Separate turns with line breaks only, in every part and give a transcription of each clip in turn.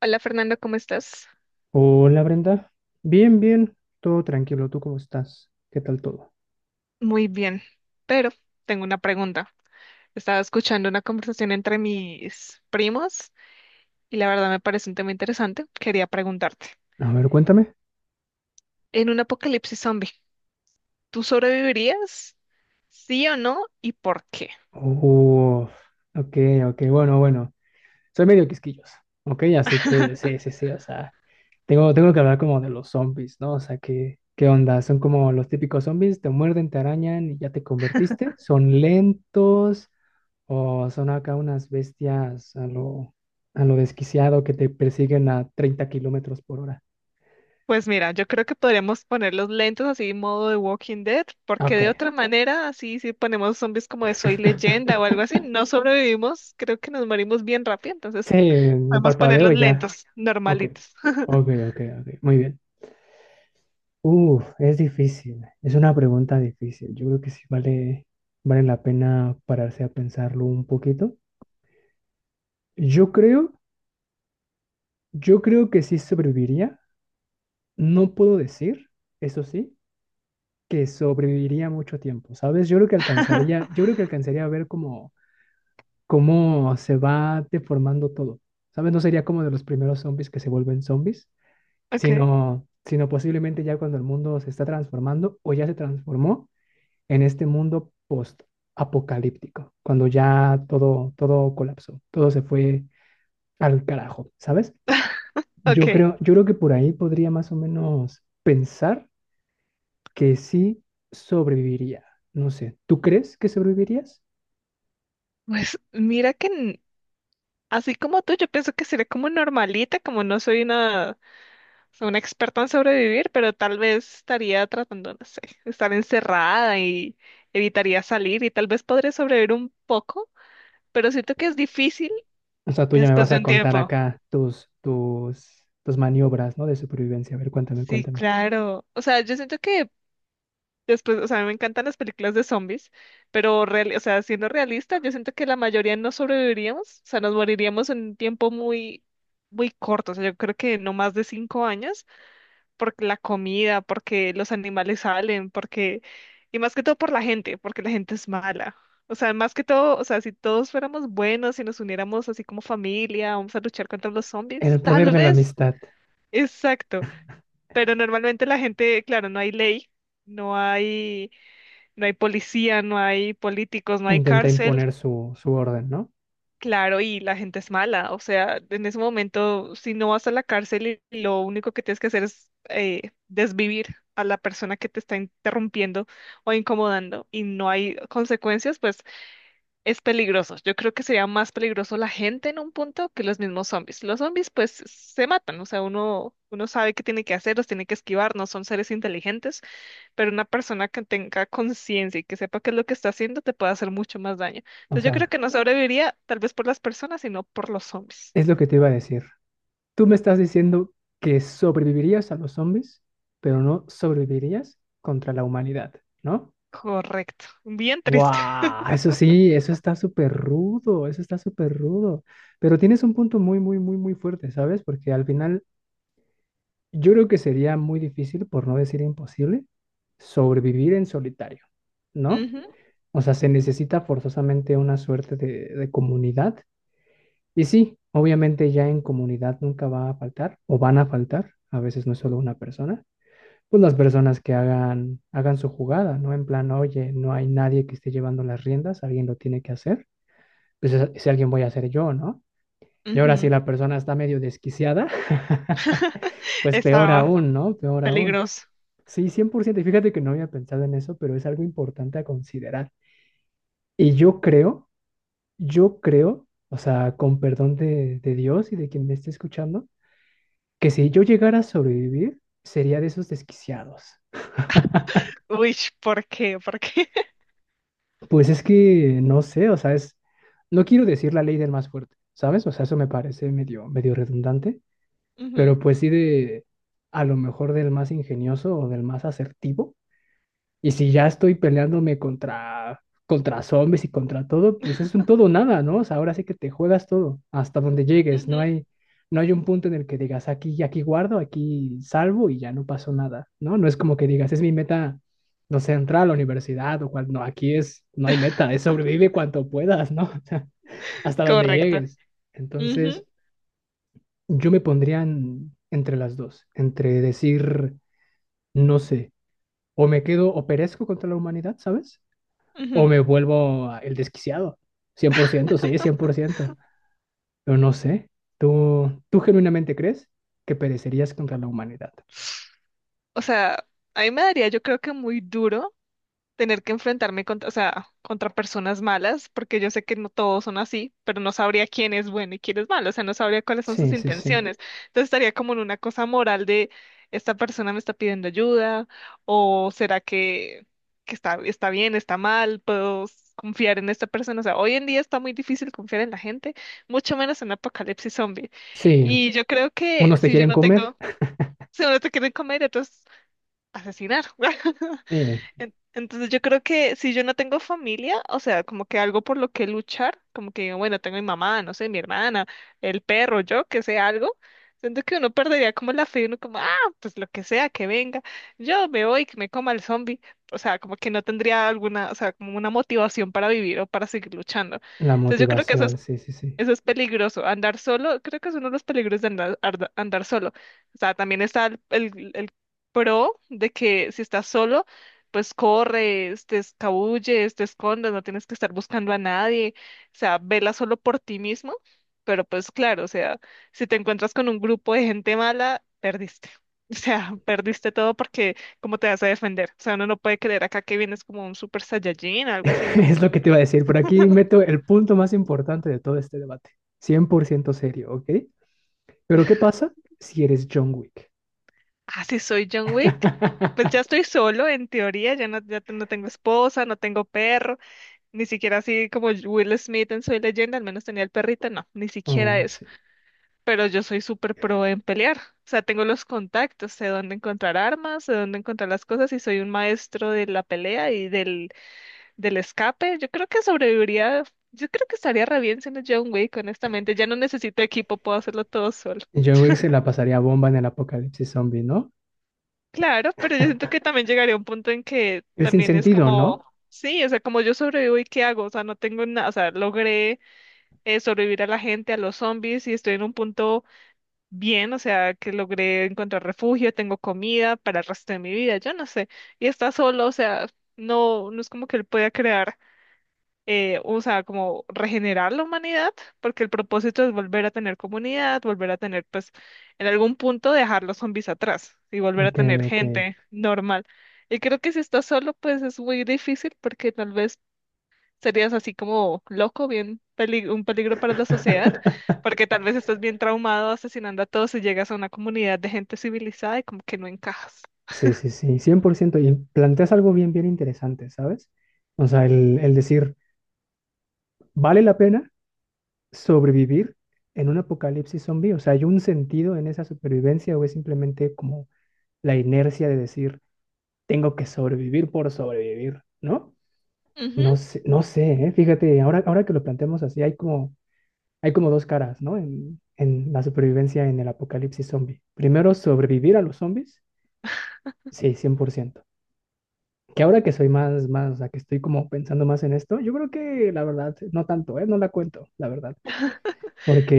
Hola Fernando, ¿cómo estás?
Hola Brenda, bien, bien, todo tranquilo, ¿tú cómo estás? ¿Qué tal todo?
Muy bien, pero tengo una pregunta. Estaba escuchando una conversación entre mis primos y la verdad me parece un tema interesante. Quería preguntarte,
A ver, cuéntame.
en un apocalipsis zombie, ¿tú sobrevivirías? ¿Sí o no? ¿Y por qué?
Uf, ok, ok, bueno, bueno, soy medio quisquilloso, ok, así que sí, sí, sí, o sea, tengo que hablar como de los zombies, ¿no? O sea, ¿qué, qué onda? Son como los típicos zombies, te muerden, te arañan y ya te convertiste, son lentos o son acá unas bestias a lo desquiciado que te persiguen a treinta kilómetros por hora.
Pues mira, yo creo que podríamos ponerlos lentos así modo de Walking Dead, porque de
Ok.
otra manera, así si ponemos zombies como de Soy Leyenda o algo así, no sobrevivimos, creo que nos morimos bien rápido, entonces
Sí, no
podemos ponerlos
parpadeo y ya.
lentos,
Ok,
normalitos.
ok, ok, ok. Muy bien. Es difícil. Es una pregunta difícil. Yo creo que sí vale, vale la pena pararse a pensarlo un poquito. Yo creo, yo creo que sí sobreviviría. No puedo decir, eso sí, que sobreviviría mucho tiempo, ¿sabes? Yo creo que alcanzaría a ver cómo, cómo se va deformando todo. ¿Sabes? No sería como de los primeros zombies que se vuelven zombies
Ok.
sino posiblemente ya cuando el mundo se está transformando o ya se transformó en este mundo post-apocalíptico, cuando ya todo, todo colapsó, todo se fue al carajo, ¿sabes?
Ok,
Yo creo que por ahí podría más o menos pensar que sí sobreviviría. No sé, ¿tú crees que sobrevivirías?
pues mira que así como tú, yo pienso que sería como normalita, como no soy una experta en sobrevivir, pero tal vez estaría tratando, no sé, estar encerrada y evitaría salir y tal vez podría sobrevivir un poco, pero siento que es difícil
O sea, tú ya me
después
vas
de
a
un
contar
tiempo.
acá tus, tus, tus maniobras, ¿no? De supervivencia. A ver, cuéntame,
Sí,
cuéntame.
claro. O sea, yo siento que después, o sea, a mí me encantan las películas de zombies, pero o sea, siendo realistas, yo siento que la mayoría no sobreviviríamos, o sea, nos moriríamos en un tiempo muy corto, o sea, yo creo que no más de 5 años, porque la comida, porque los animales salen, porque, y más que todo por la gente, porque la gente es mala. O sea, más que todo, o sea, si todos fuéramos buenos si nos uniéramos así como familia, vamos a luchar contra los zombies,
El poder
tal
de la
vez,
amistad.
exacto, pero normalmente la gente, claro, no hay ley, no hay no hay policía, no hay políticos, no
E
hay
intenta
cárcel,
imponer su, su orden, ¿no?
claro, y la gente es mala. O sea, en ese momento, si no vas a la cárcel y lo único que tienes que hacer es desvivir a la persona que te está interrumpiendo o incomodando y no hay consecuencias, pues es peligroso. Yo creo que sería más peligroso la gente en un punto que los mismos zombies. Los zombies, pues, se matan. O sea, uno sabe qué tiene que hacer, los tiene que esquivar, no son seres inteligentes, pero una persona que tenga conciencia y que sepa qué es lo que está haciendo te puede hacer mucho más daño.
O
Entonces yo creo
sea,
que no sobreviviría tal vez por las personas, sino por los zombies.
es lo que te iba a decir. Tú me estás diciendo que sobrevivirías a los zombies, pero no sobrevivirías contra la humanidad, ¿no?
Correcto. Bien triste.
¡Wow! Eso sí, eso está súper rudo, eso está súper rudo. Pero tienes un punto muy, muy, muy, muy fuerte, ¿sabes? Porque al final yo creo que sería muy difícil, por no decir imposible, sobrevivir en solitario, ¿no?
Ujú,
O sea, se necesita forzosamente una suerte de comunidad. Y sí, obviamente ya en comunidad nunca va a faltar o van a faltar, a veces no es solo una persona, pues las personas que hagan, hagan su jugada, ¿no? En plan, oye, no hay nadie que esté llevando las riendas, alguien lo tiene que hacer, pues ese alguien voy a hacer yo, ¿no? Y ahora si
ujú.
la persona está medio desquiciada, pues peor
Estaba
aún, ¿no? Peor aún.
peligroso.
Sí, 100%, y fíjate que no había pensado en eso, pero es algo importante a considerar. Y yo creo, yo creo, o sea, con perdón de Dios y de quien me esté escuchando, que si yo llegara a sobrevivir, sería de esos desquiciados.
Uy, ¿por qué? ¿Por qué?
Pues es que no sé, o sea, es, no quiero decir la ley del más fuerte, ¿sabes? O sea, eso me parece medio, medio redundante, pero
Ujú,
pues sí de, a lo mejor del más ingenioso o del más asertivo. Y si ya estoy peleándome contra, contra zombies y contra todo, pues es un todo o nada, ¿no? O sea, ahora sí que te juegas todo, hasta donde llegues. No
ujú.
hay, no hay un punto en el que digas aquí, aquí guardo, aquí salvo y ya no pasó nada, ¿no? No es como que digas, es mi meta, no sé, entrar a la universidad o cual, no, aquí es, no hay meta, es sobrevive cuanto puedas, ¿no? O sea, hasta donde
Correcto.
llegues.
Ujú,
Entonces, yo me pondría entre las dos, entre decir, no sé, o me quedo, o perezco contra la humanidad, ¿sabes? O
ujú.
me vuelvo el desquiciado. Cien por ciento, sí, 100%. Pero no sé. Tú genuinamente crees que perecerías contra la humanidad?
O sea, a mí me daría yo creo que muy duro tener que enfrentarme contra, o sea, contra personas malas, porque yo sé que no todos son así, pero no sabría quién es bueno y quién es malo, o sea, no sabría cuáles son sus
Sí, sí, sí.
intenciones. Entonces estaría como en una cosa moral de esta persona me está pidiendo ayuda, o será que está, está bien, está mal, confiar en esta persona. O sea, hoy en día está muy difícil confiar en la gente, mucho menos en apocalipsis zombie.
Sí,
Y yo creo que
unos te
si yo
quieren
no
comer.
tengo, si uno te quieren comer, entonces asesinar.
Sí,
Entonces yo creo que si yo no tengo familia, o sea, como que algo por lo que luchar, como que digo, bueno, tengo mi mamá, no sé, mi hermana, el perro, yo, que sea algo, siento que uno perdería como la fe, uno como, ah, pues lo que sea, que venga, yo me voy, que me coma el zombie, o sea, como que no tendría alguna, o sea, como una motivación para vivir o para seguir luchando.
la
Entonces yo creo que
motivación, sí, sí, sí.
eso es peligroso. Andar solo, creo que es uno de los peligros de andar solo. O sea, también está el pro de que si estás solo, pues corres, te escabulles, te escondes, no tienes que estar buscando a nadie. O sea, vela solo por ti mismo. Pero pues claro, o sea, si te encuentras con un grupo de gente mala, perdiste. O sea, perdiste todo porque ¿cómo te vas a defender? O sea, uno no puede creer acá que vienes como un super saiyajin, algo así, no.
Es lo que te iba a decir. Por aquí meto el punto más importante de todo este debate. 100% serio, ¿ok? Pero ¿qué pasa si eres John Wick?
Así soy John Wick. Pues ya estoy solo, en teoría, ya no, no tengo esposa, no tengo perro, ni siquiera así como Will Smith en Soy Leyenda, al menos tenía el perrito, no, ni siquiera
Oh,
eso.
sí.
Pero yo soy súper pro en pelear, o sea, tengo los contactos, sé dónde encontrar armas, sé dónde encontrar las cosas y soy un maestro de la pelea y del escape. Yo creo que sobreviviría, yo creo que estaría re bien siendo John Wick, honestamente, ya no necesito equipo, puedo hacerlo todo solo.
John Wick se la pasaría bomba en el apocalipsis zombie, ¿no?
Claro, pero yo siento que también llegaría a un punto en que
El
también es
sinsentido, ¿no?
como, sí, o sea, como yo sobrevivo y qué hago, o sea, no tengo nada, o sea, logré sobrevivir a la gente, a los zombies y estoy en un punto bien, o sea, que logré encontrar refugio, tengo comida para el resto de mi vida, yo no sé, y está solo, o sea, no es como que él pueda crear o sea, como regenerar la humanidad, porque el propósito es volver a tener comunidad, volver a tener, pues, en algún punto dejar los zombies atrás y volver a
Ok,
tener
ok.
gente normal. Y creo que si estás solo, pues es muy difícil porque tal vez serías así como loco, un peligro para la sociedad, porque tal vez estás bien traumado asesinando a todos y llegas a una comunidad de gente civilizada y como que no encajas.
Sí, sí, sí, 100%. Y planteas algo bien, bien interesante, ¿sabes? O sea, el decir, ¿vale la pena sobrevivir en un apocalipsis zombie? O sea, ¿hay un sentido en esa supervivencia o es simplemente como la inercia de decir, tengo que sobrevivir por sobrevivir, ¿no?
Ujú.
No sé, no sé, ¿eh? Fíjate, ahora que lo planteamos así, hay como dos caras, ¿no? En la supervivencia en el apocalipsis zombie. Primero, sobrevivir a los zombies, sí, 100%. Que ahora que soy más, o sea, que estoy como pensando más en esto, yo creo que la verdad, no tanto, ¿eh? No la cuento, la verdad.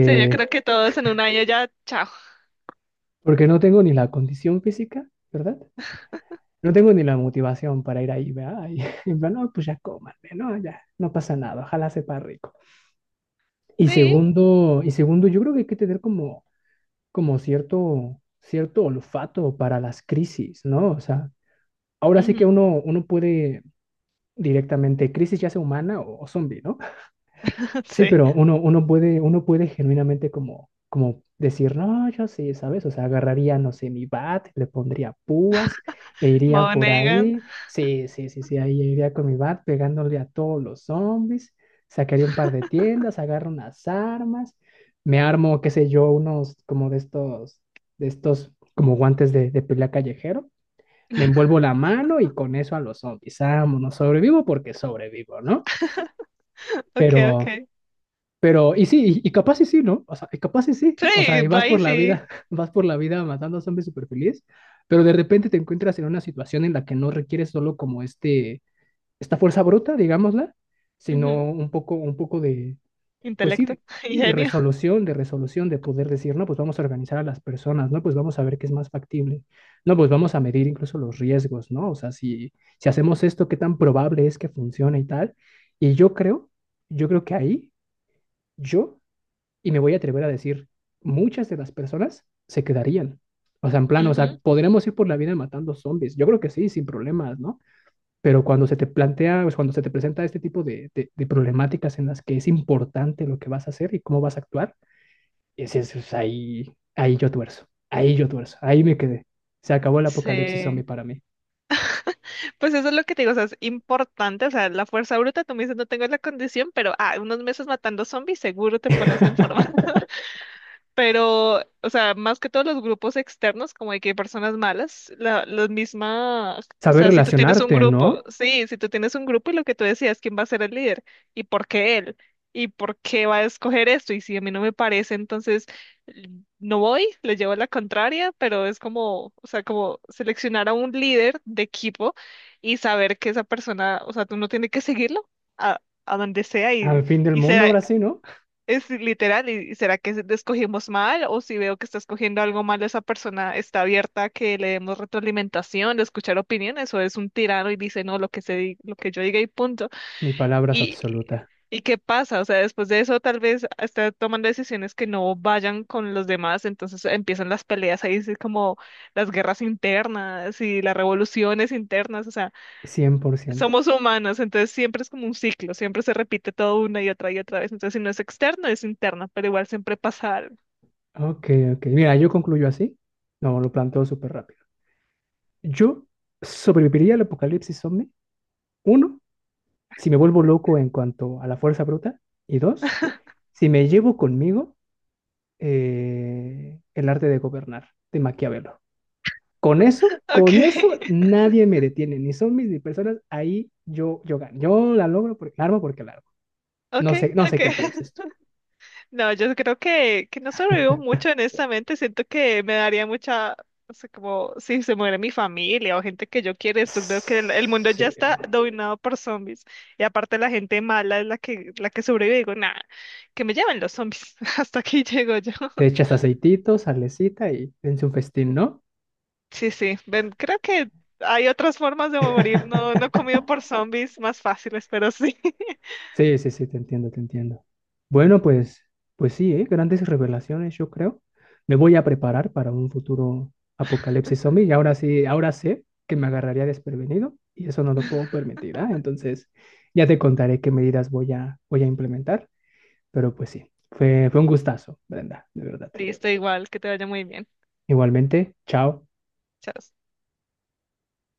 Sí, yo creo que todos en 1 año ya, chao.
porque no tengo ni la condición física, ¿verdad? No tengo ni la motivación para ir ahí, ¿verdad? Y, en plan, no, pues ya cómanme, ¿no? Ya, no pasa nada, ojalá sepa rico.
Sí.
Y segundo, yo creo que hay que tener como, como cierto olfato para las crisis, ¿no? O sea, ahora sí que
Ujú.
uno puede directamente, crisis ya sea humana o zombie, ¿no? Sí,
Sí.
pero uno puede genuinamente como, como decir, no, yo sí, ¿sabes? O sea, agarraría, no sé, mi bat, le pondría púas e iría por
Monegan.
ahí. Sí, sí, sí, sí, ahí iría con mi bat pegándole a todos los zombies. Sacaría un par de tiendas, agarro unas armas, me armo, qué sé yo, unos como de estos como guantes de pelea callejero. Me envuelvo la mano y con eso a los zombies. Vámonos, sobrevivo porque sobrevivo, ¿no?
Okay,
Pero...
okay.
Pero, y sí, y capaz y sí, ¿no? O sea, y capaz y sí. O sea,
Sí,
y vas
bye,
por la
sí.
vida, vas por la vida matando a zombies súper feliz, pero de repente te encuentras en una situación en la que no requieres solo como este, esta fuerza bruta, digámosla, sino
Ujú.
un poco de, pues
Intelecto,
sí, de
ingenio.
resolución, de resolución, de poder decir, no, pues vamos a organizar a las personas, no, pues vamos a ver qué es más factible, no, pues vamos a medir incluso los riesgos, ¿no? O sea, si, si hacemos esto, qué tan probable es que funcione y tal. Y yo creo, yo creo que ahí, yo y me voy a atrever a decir, muchas de las personas se quedarían. O sea, en plan, o sea,
Ujú.
podremos ir por la vida matando zombies. Yo creo que sí, sin problemas, ¿no? Pero cuando se te plantea, pues cuando se te presenta este tipo de, de problemáticas en las que es importante lo que vas a hacer y cómo vas a actuar, es ahí, ahí yo tuerzo, ahí me quedé. Se acabó el apocalipsis zombie
Sí.
para mí.
Pues eso es lo que te digo, o sea, es importante, o sea, la fuerza bruta, tú me dices, no tengo la condición, pero ah, unos meses matando zombies, seguro te pones en forma. Pero, o sea, más que todos los grupos externos, como de que hay personas malas, la misma, o
Saber
sea, si tú tienes un
relacionarte,
grupo,
¿no?
sí, si tú tienes un grupo y lo que tú decías, ¿quién va a ser el líder? ¿Y por qué él? ¿Y por qué va a escoger esto? Y si a mí no me parece, entonces l- no voy, le llevo la contraria, pero es como, o sea, como seleccionar a un líder de equipo y saber que esa persona, o sea, tú no tienes que seguirlo a donde sea
Al fin del
y se
mundo, ahora sí, ¿no?
es literal, ¿y será que escogimos mal? O si veo que está escogiendo algo mal, esa persona está abierta a que le demos retroalimentación, de escuchar opiniones, o es un tirano y dice no, lo que se, lo que yo diga y punto.
Mi palabra es
¿Y,
absoluta,
y qué pasa? O sea, después de eso tal vez está tomando decisiones que no vayan con los demás, entonces empiezan las peleas ahí, sí, como las guerras internas y las revoluciones internas, o sea
cien por ciento.
somos humanos, entonces siempre es como un ciclo, siempre se repite todo una y otra vez. Entonces, si no es externo, es interno, pero igual siempre pasa algo.
Ok, ok. Mira, yo concluyo así. No, lo planteo súper rápido. Yo sobreviviría al apocalipsis zombie. Uno, si me vuelvo loco en cuanto a la fuerza bruta. Y dos, si me llevo conmigo el arte de gobernar de Maquiavelo.
Ok,
Con eso nadie me detiene, ni zombies ni personas. Ahí yo gano. Yo la logro porque la armo porque la armo.
ok,
No sé, no
ok.
sé qué pienses tú.
No, yo creo que no sobrevivo mucho, honestamente. Siento que me daría mucha, o sea, como si se muere mi familia o gente que yo quiero, y después veo que el mundo ya
Sí, no.
está dominado por zombies. Y aparte la gente mala es la que sobrevive, digo, nada, que me lleven los zombies. Hasta aquí llego yo.
Te echas aceitito, salecita y dense un festín, ¿no?
Sí, sí. Ven, creo que hay otras formas de morir, no, no comido por zombies más fáciles, pero sí.
Sí, sí, sí, te entiendo, te entiendo. Bueno, pues, pues sí, ¿eh? Grandes revelaciones, yo creo. Me voy a preparar para un futuro apocalipsis zombie y ahora sí, ahora sé que me agarraría desprevenido y eso no lo puedo permitir, ¿ah? Entonces, ya te contaré qué medidas voy a, voy a implementar, pero pues sí, fue un gustazo, Brenda, de verdad.
Listo, igual, que te vaya muy bien.
Igualmente, chao.
Chao.